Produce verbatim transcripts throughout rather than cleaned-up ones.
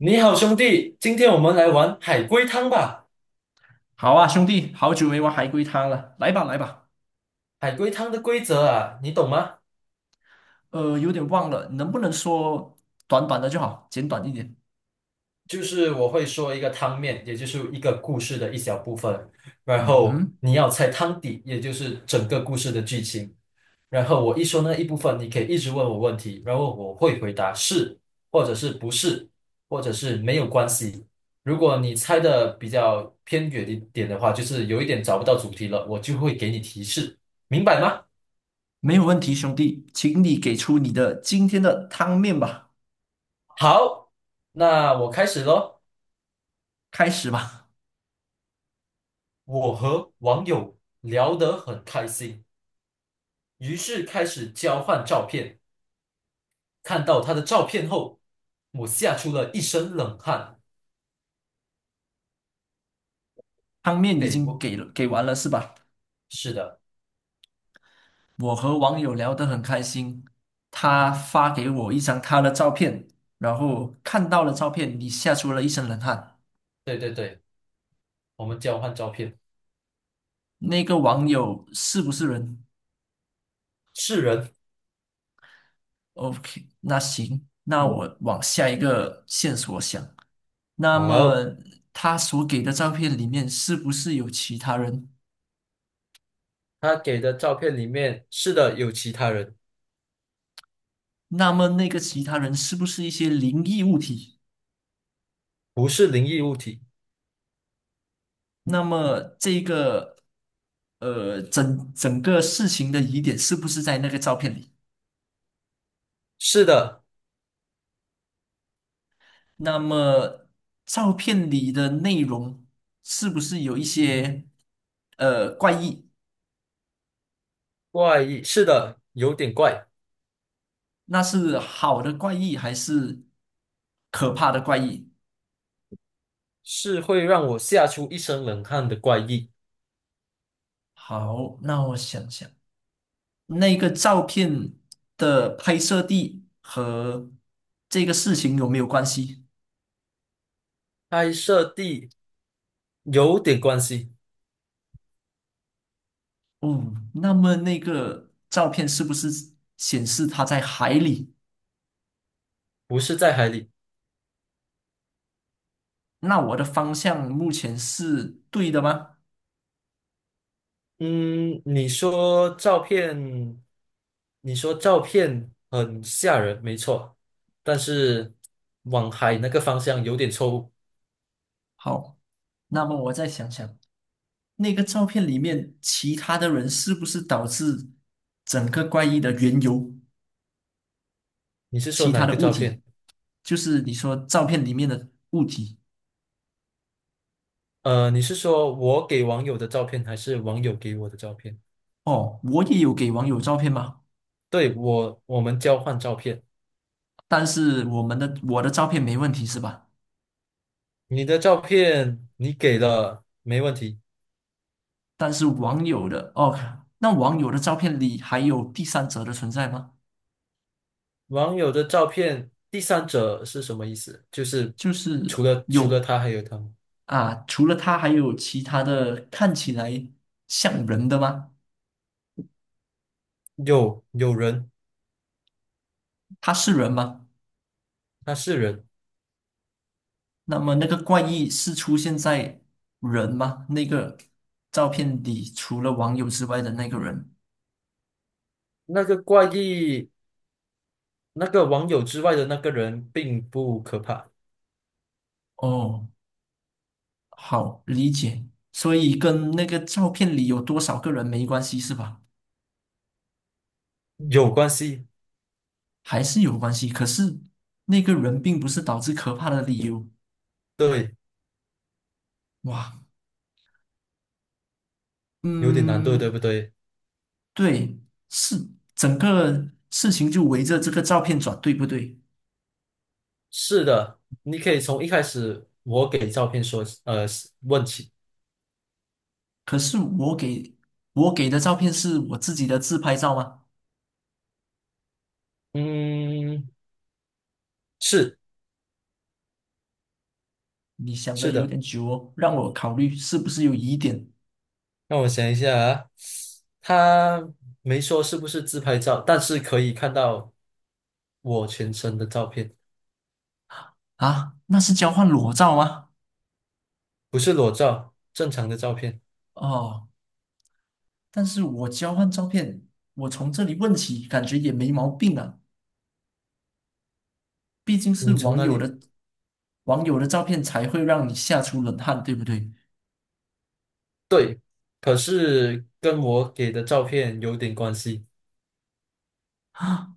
你好，兄弟，今天我们来玩海龟汤吧。好啊，兄弟，好久没玩海龟汤了，来吧来吧。海龟汤的规则啊，你懂吗？呃，有点忘了，能不能说短短的就好，简短一点？就是我会说一个汤面，也就是一个故事的一小部分，然嗯后哼，你要猜汤底，也就是整个故事的剧情。然后我一说那一部分，你可以一直问我问题，然后我会回答是，或者是不是，或者是没有关系。如果你猜的比较偏远一点的话，就是有一点找不到主题了，我就会给你提示，明白吗？没有问题，兄弟，请你给出你的今天的汤面吧，好，那我开始喽。开始吧。我和网友聊得很开心，于是开始交换照片。看到他的照片后，我吓出了一身冷汗。汤面已给经我，给了，给完了是吧？是的，我和网友聊得很开心，他发给我一张他的照片，然后看到了照片，你吓出了一身冷汗。对对对，我们交换照片，那个网友是不是人？是人。OK，那行，那我往下一个线索想。那么好，他所给的照片里面是不是有其他人？他给的照片里面，是的，有其他人，那么那个其他人是不是一些灵异物体？不是灵异物体，那么这个呃，整整个事情的疑点是不是在那个照片里？是的，那么照片里的内容是不是有一些呃怪异？怪异，是的，有点怪，那是好的怪异还是可怕的怪异？是会让我吓出一身冷汗的怪异。好，那我想想，那个照片的拍摄地和这个事情有没有关系？拍摄地有点关系，哦，那么那个照片是不是显示它在海里？不是在海里。那我的方向目前是对的吗？嗯，你说照片，你说照片很吓人，没错，但是往海那个方向有点错误。好，那么我再想想，那个照片里面其他的人是不是导致整个怪异的缘由？你是说其哪他一的个物照片？体，就是你说照片里面的物体。呃，你是说我给网友的照片，还是网友给我的照片？哦，我也有给网友照片吗？对，我，我们交换照片。但是我们的我的照片没问题是吧？你的照片你给了，没问题。但是网友的哦，那网友的照片里还有第三者的存在吗？网友的照片，第三者是什么意思？就是就是除了除了有他还有他吗？啊，除了他还有其他的看起来像人的吗？有有人，他是人吗？他是人。那么那个怪异是出现在人吗？那个照片里除了网友之外的那个人？那个怪异，那个网友之外的那个人并不可怕，哦。好理解，所以跟那个照片里有多少个人没关系是吧？有关系。还是有关系，可是那个人并不是导致可怕的理由。对，哇，有点难度，对嗯，不对？对，是整个事情就围着这个照片转，对不对？是的，你可以从一开始我给照片说，呃，问起。可是我给我给的照片是我自己的自拍照吗？嗯，是你想的是有的，点久哦，让我考虑是不是有疑点让我想一下啊，他没说是不是自拍照，但是可以看到我全身的照片，啊？那是交换裸照吗？不是裸照，正常的照片。哦。但是我交换照片，我从这里问起，感觉也没毛病啊。毕竟你是从网哪友里？的网友的照片才会让你吓出冷汗，对不对？对，可是跟我给的照片有点关系，啊，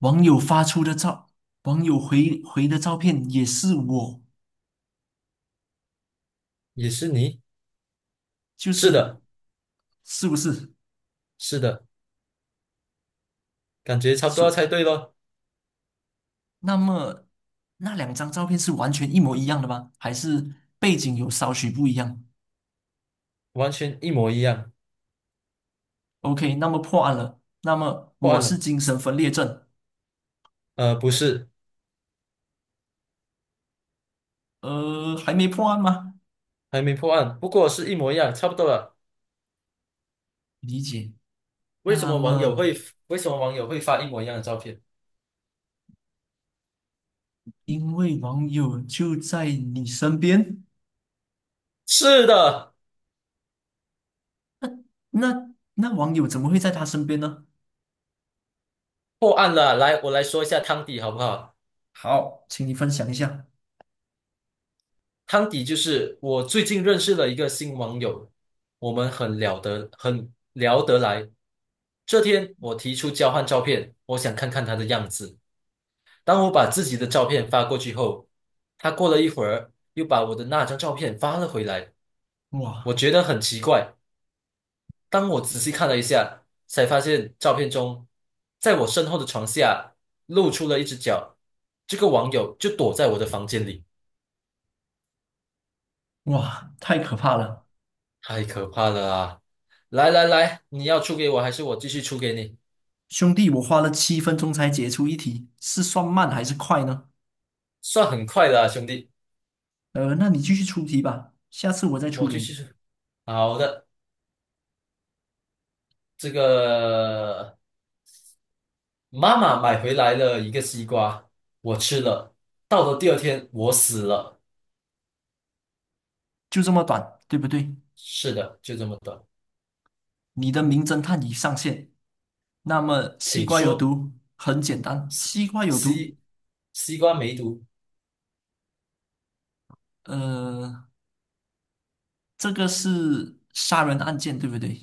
网友发出的照，网友回回的照片也是我，也是你？就是是的，是不是？是的，感觉差不多要是。猜对咯，那么那两张照片是完全一模一样的吗？还是背景有稍许不一样完全一模一样。？OK，那么破案了。那么破我案是了？精神分裂症，呃，不是，呃，还没破案吗？还没破案，不过是一模一样，差不多了。理解。为什那么网友么，会为什么网友会发一模一样的照片？因为网友就在你身边，是的，那那网友怎么会在他身边呢？破案了。来，我来说一下汤底好不好？好，请你分享一下。汤底就是我最近认识了一个新网友，我们很聊得很聊得来。这天我提出交换照片，我想看看他的样子。当我把自己的照片发过去后，他过了一会儿又把我的那张照片发了回来。我哇觉得很奇怪，当我仔细看了一下，才发现照片中，在我身后的床下露出了一只脚。这个网友就躲在我的房间里。哇，太可怕了！太可怕了啊！来来来，你要出给我，还是我继续出给你？兄弟，我花了七分钟才解出一题，是算慢还是快呢？算很快的啊，兄弟，呃，那你继续出题吧，下次我再出我给继续你，出。好的，这个妈妈买回来了一个西瓜，我吃了。到了第二天，我死了。就这么短，对不对？是的，就这么短。你的名侦探已上线。那么，西请瓜有说，毒，很简单，西瓜有毒。西西瓜梅毒，呃，这个是杀人案件，对不对？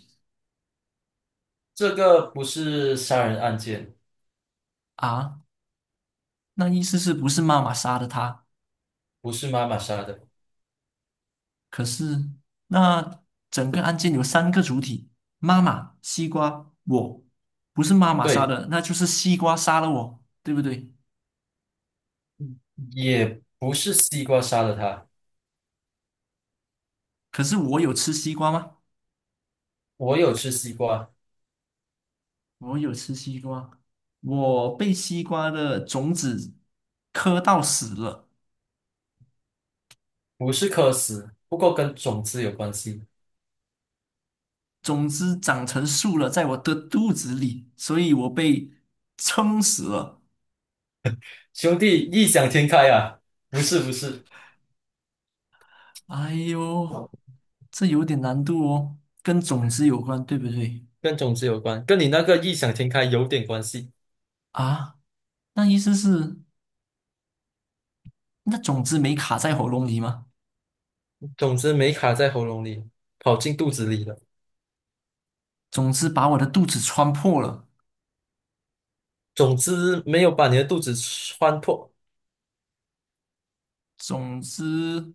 这个不是杀人案件，啊，那意思是不是妈妈杀的他？不是妈妈杀的，可是那整个案件有三个主体：妈妈、西瓜、我。不是妈妈杀对，的，那就是西瓜杀了我，对不对？也不是西瓜杀了他。可是我有吃西瓜吗？我有吃西瓜。我有吃西瓜，我被西瓜的种子磕到死了，不是渴死，不过跟种子有关系。种子长成树了，在我的肚子里，所以我被撑死了。兄弟，异想天开啊！不是不是，哎呦，这有点难度哦，跟种子有关，对不对？跟种子有关，跟你那个异想天开有点关系。啊，那意思是，那种子没卡在喉咙里吗？种子没卡在喉咙里，跑进肚子里了。种子把我的肚子穿破了，种子没有把你的肚子穿破，种子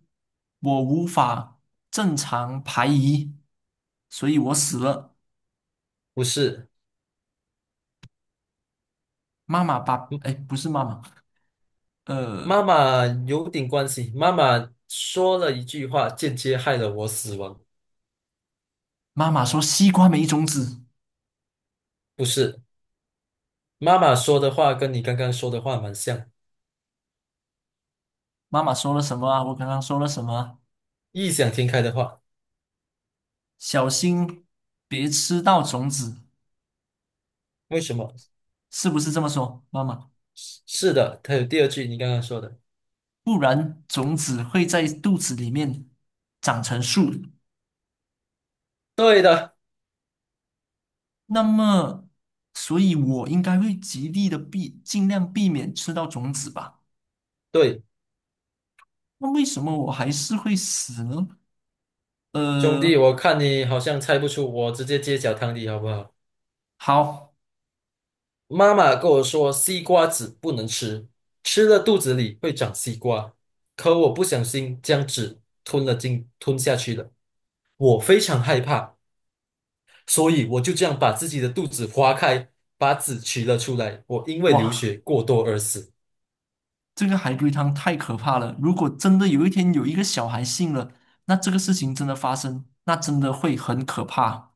我无法正常排遗，所以我死了。不是。妈妈把，哎，嗯不是妈妈，妈呃，妈有点关系，妈妈说了一句话，间接害了我死亡。妈妈说西瓜没种子。不是，妈妈说的话跟你刚刚说的话蛮像，妈妈说了什么啊？我刚刚说了什么啊异想天开的话。小心别吃到种子，为什么？是不是这么说，妈妈？是是的，它有第二句你刚刚说的。不然种子会在肚子里面长成树。对的，那么，所以我应该会极力的避，尽量避免吃到种子吧。对，那为什么我还是会死呢？兄弟，呃，我看你好像猜不出，我直接揭晓汤底好不好？好，妈妈跟我说，西瓜籽不能吃，吃了肚子里会长西瓜，可我不小心将籽吞了进，吞下去了。我非常害怕，所以我就这样把自己的肚子划开，把籽取了出来。我因为流哇，血过多而死。这个海龟汤太可怕了。如果真的有一天有一个小孩信了，那这个事情真的发生，那真的会很可怕。